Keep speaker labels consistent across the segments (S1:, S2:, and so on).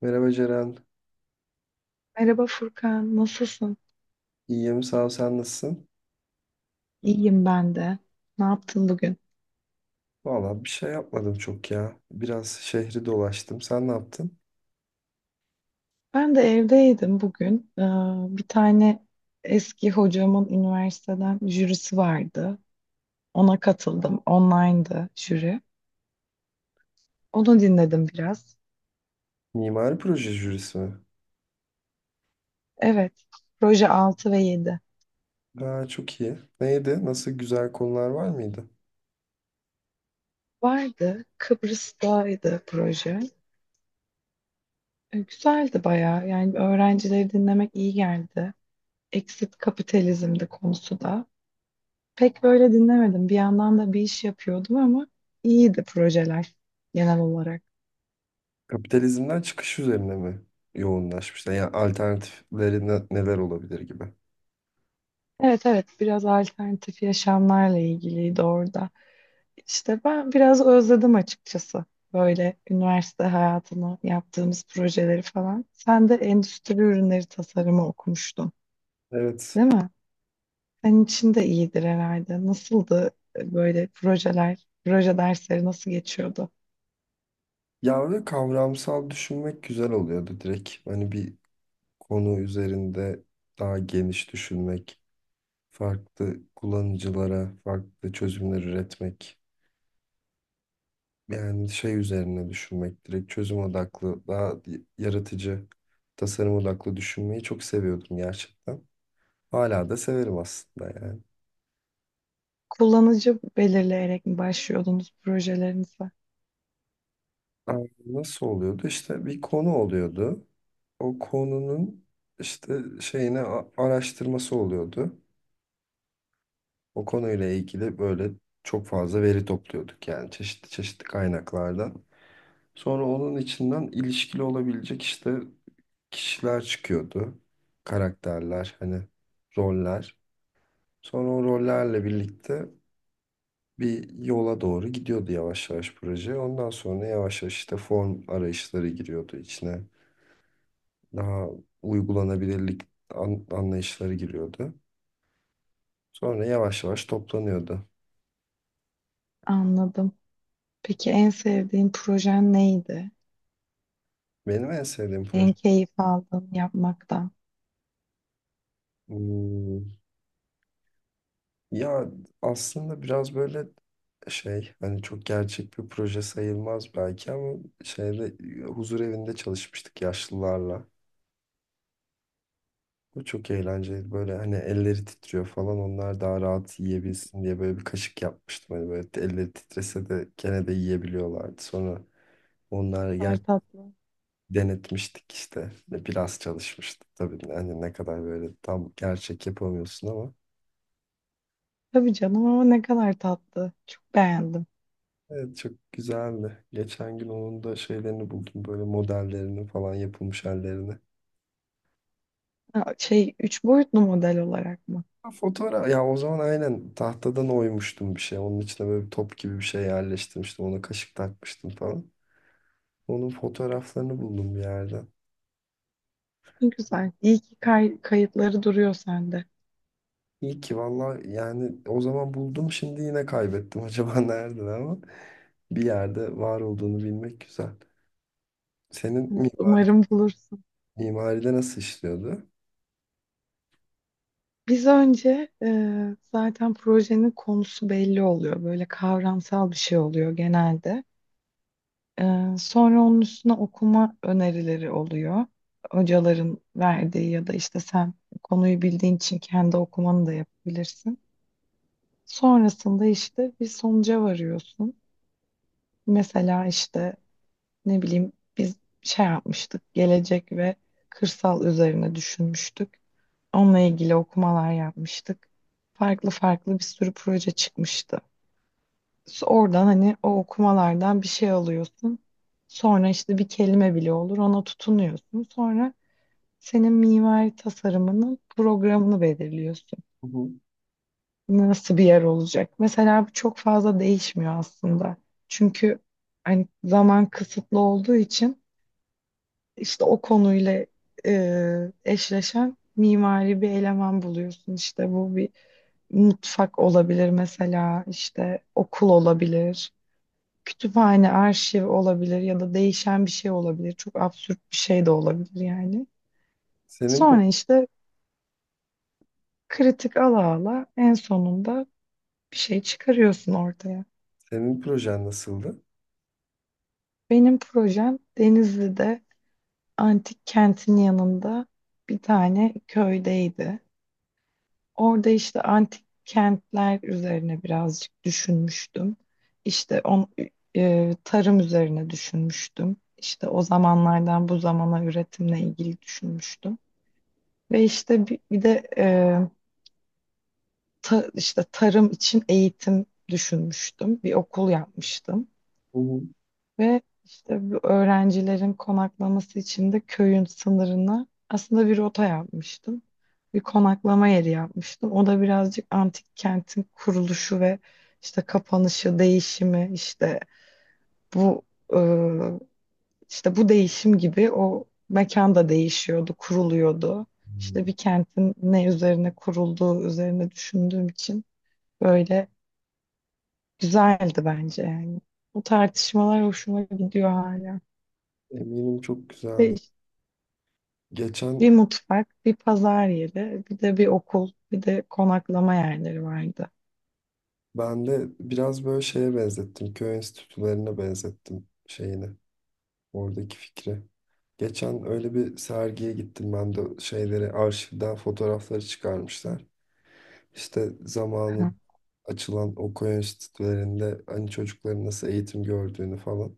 S1: Merhaba Ceren.
S2: Merhaba Furkan, nasılsın?
S1: İyiyim, sağ ol. Sen nasılsın?
S2: İyiyim ben de. Ne yaptın bugün?
S1: Valla bir şey yapmadım çok ya. Biraz şehri dolaştım. Sen ne yaptın?
S2: Ben de evdeydim bugün. Bir tane eski hocamın üniversiteden jürisi vardı. Ona katıldım. Online'dı jüri. Onu dinledim biraz.
S1: Mimari proje jürisi mi?
S2: Evet, proje 6 ve yedi
S1: Aa, çok iyi. Neydi? Nasıl güzel konular var mıydı?
S2: vardı. Kıbrıs'taydı proje. Güzeldi bayağı. Yani öğrencileri dinlemek iyi geldi. Exit kapitalizmdi konusu da. Pek böyle dinlemedim. Bir yandan da bir iş yapıyordum ama iyiydi projeler genel olarak.
S1: Kapitalizmden çıkış üzerine mi yoğunlaşmışlar? Yani alternatifleri neler olabilir gibi.
S2: Evet evet, biraz alternatif yaşamlarla ilgiliydi orada. İşte ben biraz özledim açıkçası. Böyle üniversite hayatını, yaptığımız projeleri falan. Sen de endüstri ürünleri tasarımı okumuştun,
S1: Evet.
S2: değil mi? Senin için de iyidir herhalde. Nasıldı böyle projeler, proje dersleri nasıl geçiyordu?
S1: Ya, ve kavramsal düşünmek güzel oluyordu direkt. Hani bir konu üzerinde daha geniş düşünmek, farklı kullanıcılara farklı çözümler üretmek. Yani şey üzerine düşünmek direkt, çözüm odaklı, daha yaratıcı, tasarım odaklı düşünmeyi çok seviyordum gerçekten. Hala da severim aslında yani.
S2: Kullanıcı belirleyerek mi başlıyordunuz projelerinize?
S1: Ama nasıl oluyordu? İşte bir konu oluyordu. O konunun işte şeyine araştırması oluyordu. O konuyla ilgili böyle çok fazla veri topluyorduk yani çeşitli çeşitli kaynaklardan. Sonra onun içinden ilişkili olabilecek işte kişiler çıkıyordu. Karakterler, hani roller. Sonra o rollerle birlikte bir yola doğru gidiyordu yavaş yavaş proje. Ondan sonra yavaş yavaş işte form arayışları giriyordu içine. Daha uygulanabilirlik anlayışları giriyordu. Sonra yavaş yavaş toplanıyordu.
S2: Anladım. Peki en sevdiğin projen neydi?
S1: Benim en sevdiğim
S2: En
S1: proje.
S2: keyif aldığın yapmaktan.
S1: Hmm, Ya, aslında biraz böyle şey, hani çok gerçek bir proje sayılmaz belki ama şeyde, huzur evinde çalışmıştık yaşlılarla. Bu çok eğlenceli, böyle hani elleri titriyor falan, onlar daha rahat yiyebilsin diye böyle bir kaşık yapmıştım. Hani böyle elleri titrese de gene de yiyebiliyorlardı. Sonra
S2: Ne
S1: onları
S2: kadar tatlı.
S1: denetmiştik işte, biraz çalışmıştık tabii, hani ne kadar böyle tam gerçek yapamıyorsun ama.
S2: Tabii canım, ama ne kadar tatlı. Çok beğendim.
S1: Evet, çok güzeldi. Geçen gün onun da şeylerini buldum, böyle modellerini falan, yapılmış hallerini.
S2: Ha, şey, üç boyutlu model olarak mı?
S1: Ha, fotoğraf ya. O zaman aynen tahtadan oymuştum bir şey. Onun içine böyle bir top gibi bir şey yerleştirmiştim. Ona kaşık takmıştım falan. Onun fotoğraflarını buldum bir yerden.
S2: Ne güzel. İyi ki kayıtları duruyor sende.
S1: İyi ki valla, yani o zaman buldum, şimdi yine kaybettim acaba nerede, ama bir yerde var olduğunu bilmek güzel. Senin
S2: Evet, umarım bulursun.
S1: mimaride nasıl işliyordu?
S2: Biz önce zaten projenin konusu belli oluyor. Böyle kavramsal bir şey oluyor genelde. Sonra onun üstüne okuma önerileri oluyor. Hocaların verdiği ya da işte sen konuyu bildiğin için kendi okumanı da yapabilirsin. Sonrasında işte bir sonuca varıyorsun. Mesela işte ne bileyim biz şey yapmıştık, gelecek ve kırsal üzerine düşünmüştük. Onunla ilgili okumalar yapmıştık. Farklı farklı bir sürü proje çıkmıştı. Oradan hani o okumalardan bir şey alıyorsun. Sonra işte bir kelime bile olur, ona tutunuyorsun. Sonra senin mimari tasarımının programını belirliyorsun.
S1: Hı hı.
S2: Nasıl bir yer olacak? Mesela bu çok fazla değişmiyor aslında. Çünkü hani zaman kısıtlı olduğu için işte o konuyla eşleşen mimari bir eleman buluyorsun. İşte bu bir mutfak olabilir, mesela işte okul olabilir, kütüphane, arşiv olabilir ya da değişen bir şey olabilir. Çok absürt bir şey de olabilir yani.
S1: Senin
S2: Sonra işte kritik ala ala en sonunda bir şey çıkarıyorsun ortaya.
S1: senin projen nasıldı?
S2: Benim projem Denizli'de antik kentin yanında bir tane köydeydi. Orada işte antik kentler üzerine birazcık düşünmüştüm. İşte tarım üzerine düşünmüştüm. İşte o zamanlardan bu zamana üretimle ilgili düşünmüştüm. Ve işte bir de işte tarım için eğitim düşünmüştüm. Bir okul yapmıştım.
S1: Hı
S2: Ve işte bu öğrencilerin konaklaması için de köyün sınırına aslında bir rota yapmıştım. Bir konaklama yeri yapmıştım. O da birazcık antik kentin kuruluşu ve işte kapanışı, değişimi, işte bu e, İşte bu değişim gibi o mekan da değişiyordu, kuruluyordu. İşte bir
S1: hı.
S2: kentin ne üzerine kurulduğu üzerine düşündüğüm için böyle güzeldi bence yani. Bu tartışmalar hoşuma gidiyor hala.
S1: Eminim çok
S2: Ve
S1: güzeldi.
S2: işte bir
S1: Geçen
S2: mutfak, bir pazar yeri, bir de bir okul, bir de konaklama yerleri vardı.
S1: ben de biraz böyle şeye benzettim. Köy enstitülerine benzettim şeyini. Oradaki fikri. Geçen öyle bir sergiye gittim ben de, şeyleri arşivden fotoğrafları çıkarmışlar. İşte
S2: Aha.
S1: zamanın açılan o köy enstitülerinde hani çocukların nasıl eğitim gördüğünü falan.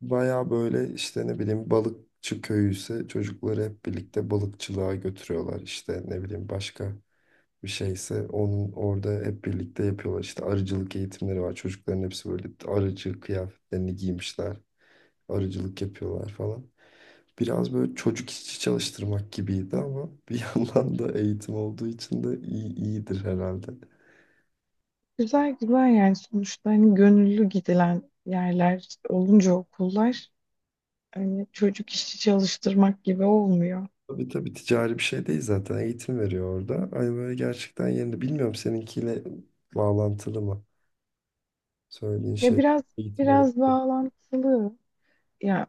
S1: Baya böyle işte, ne bileyim, balıkçı köyü ise çocukları hep birlikte balıkçılığa götürüyorlar. İşte ne bileyim, başka bir şeyse onun, orada hep birlikte yapıyorlar. İşte arıcılık eğitimleri var. Çocukların hepsi böyle arıcı kıyafetlerini giymişler. Arıcılık yapıyorlar falan. Biraz böyle çocuk işçi çalıştırmak gibiydi ama bir yandan da eğitim olduğu için de iyidir herhalde.
S2: Güzel güzel, yani sonuçta hani gönüllü gidilen yerler olunca okullar hani çocuk işçi çalıştırmak gibi olmuyor.
S1: Tabii tabii, ticari bir şey değil zaten. Eğitim veriyor orada. Hani böyle gerçekten yerinde. Bilmiyorum seninkiyle bağlantılı mı? Söylediğin
S2: Ya
S1: şey,
S2: biraz
S1: eğitim alan.
S2: biraz bağlantılı. Ya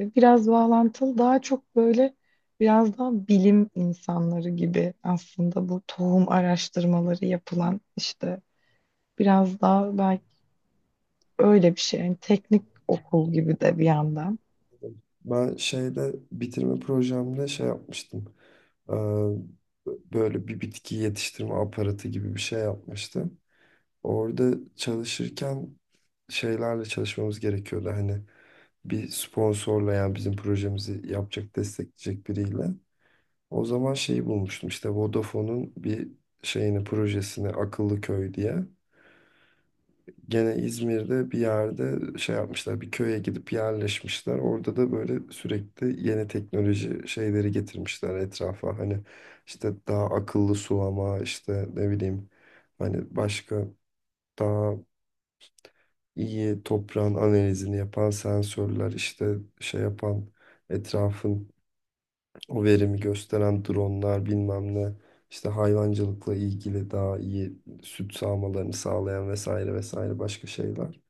S2: biraz bağlantılı, daha çok böyle biraz daha bilim insanları gibi aslında, bu tohum araştırmaları yapılan işte biraz daha belki öyle bir şey. Yani teknik okul gibi de bir yandan.
S1: Ben şeyde, bitirme projemde şey yapmıştım. Ee, Böyle bir bitki yetiştirme aparatı gibi bir şey yapmıştı. Orada çalışırken şeylerle çalışmamız gerekiyordu. Hani bir sponsorla, yani bizim projemizi yapacak, destekleyecek biriyle. O zaman şeyi bulmuştum işte, Vodafone'un bir şeyini, projesini, Akıllı Köy diye. Gene İzmir'de bir yerde şey yapmışlar, bir köye gidip yerleşmişler. Orada da böyle sürekli yeni teknoloji şeyleri getirmişler etrafa. Hani işte daha akıllı sulama, işte ne bileyim, hani başka, daha iyi toprağın analizini yapan sensörler, işte şey yapan etrafın o verimi gösteren dronlar, bilmem ne. İşte hayvancılıkla ilgili daha iyi süt sağmalarını sağlayan, vesaire vesaire başka şeyler.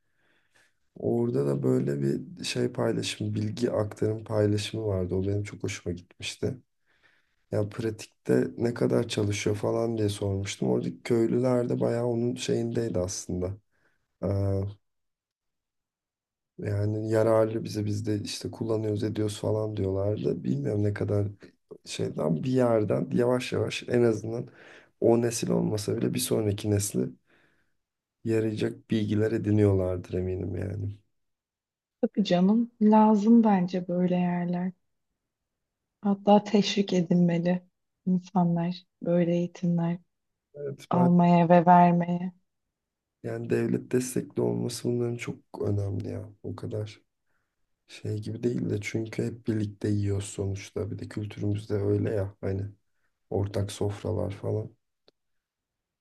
S1: Orada da böyle bir şey paylaşım, bilgi aktarım paylaşımı vardı. O benim çok hoşuma gitmişti. Yani pratikte ne kadar çalışıyor falan diye sormuştum. Oradaki köylüler de bayağı onun şeyindeydi aslında. Ee, Yani yararlı bize, biz de işte kullanıyoruz, ediyoruz falan diyorlardı. Bilmiyorum ne kadar, şeyden bir yerden yavaş yavaş, en azından o nesil olmasa bile bir sonraki nesli yarayacak bilgiler ediniyorlardır eminim yani.
S2: Tabii canım, lazım bence böyle yerler. Hatta teşvik edilmeli insanlar böyle eğitimler
S1: Evet, ben.
S2: almaya ve vermeye.
S1: Yani devlet destekli olması bunların çok önemli ya. O kadar şey gibi değil de, çünkü hep birlikte yiyoruz sonuçta. Bir de kültürümüzde öyle ya, hani ortak sofralar falan.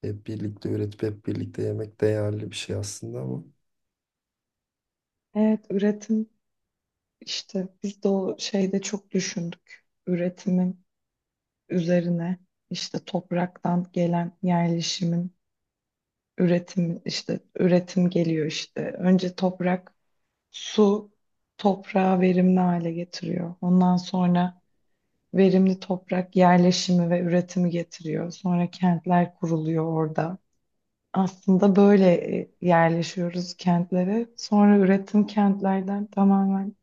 S1: Hep birlikte üretip hep birlikte yemek değerli bir şey aslında ama.
S2: Evet, üretim işte biz de o şeyde çok düşündük. Üretimin üzerine işte topraktan gelen yerleşimin üretimi, işte üretim geliyor işte. Önce toprak, su toprağı verimli hale getiriyor. Ondan sonra verimli toprak yerleşimi ve üretimi getiriyor. Sonra kentler kuruluyor orada. Aslında böyle yerleşiyoruz kentlere. Sonra üretim kentlerden tamamen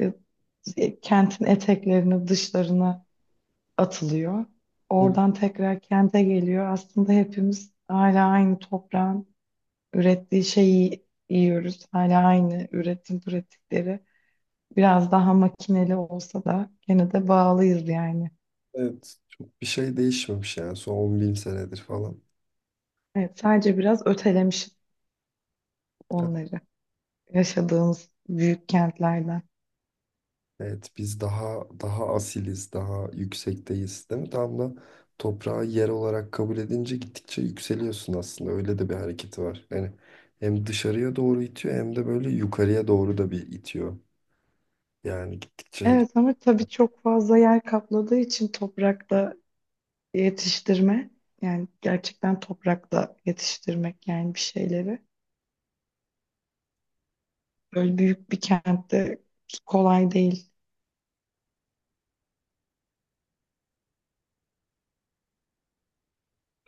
S2: e, kentin eteklerine, dışlarına atılıyor.
S1: Hı.
S2: Oradan tekrar kente geliyor. Aslında hepimiz hala aynı toprağın ürettiği şeyi yiyoruz. Hala aynı üretim pratikleri. Biraz daha makineli olsa da gene de bağlıyız yani.
S1: Evet. Çok bir şey değişmemiş yani son 10.000 senedir falan.
S2: Evet, sadece biraz ötelemişiz onları yaşadığımız büyük kentlerden.
S1: Evet, biz daha daha asiliz, daha yüksekteyiz, değil mi? Tam da toprağı yer olarak kabul edince gittikçe yükseliyorsun aslında. Öyle de bir hareketi var. Yani hem dışarıya doğru itiyor, hem de böyle yukarıya doğru da bir itiyor. Yani gittikçe.
S2: Evet ama tabii çok fazla yer kapladığı için toprakta yetiştirme, yani gerçekten toprakta yetiştirmek, yani bir şeyleri böyle büyük bir kentte kolay değil.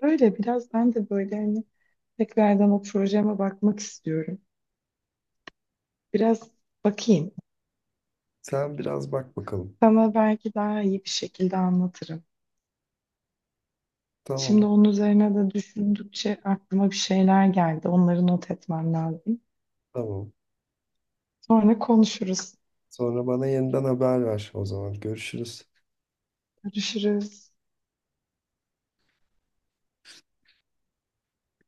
S2: Böyle biraz ben de böyle hani tekrardan o projeme bakmak istiyorum. Biraz bakayım.
S1: Sen biraz bak bakalım.
S2: Sana belki daha iyi bir şekilde anlatırım. Şimdi
S1: Tamam,
S2: onun üzerine de düşündükçe aklıma bir şeyler geldi. Onları not etmem lazım.
S1: tamam.
S2: Sonra konuşuruz.
S1: Sonra bana yeniden haber ver o zaman. Görüşürüz.
S2: Görüşürüz.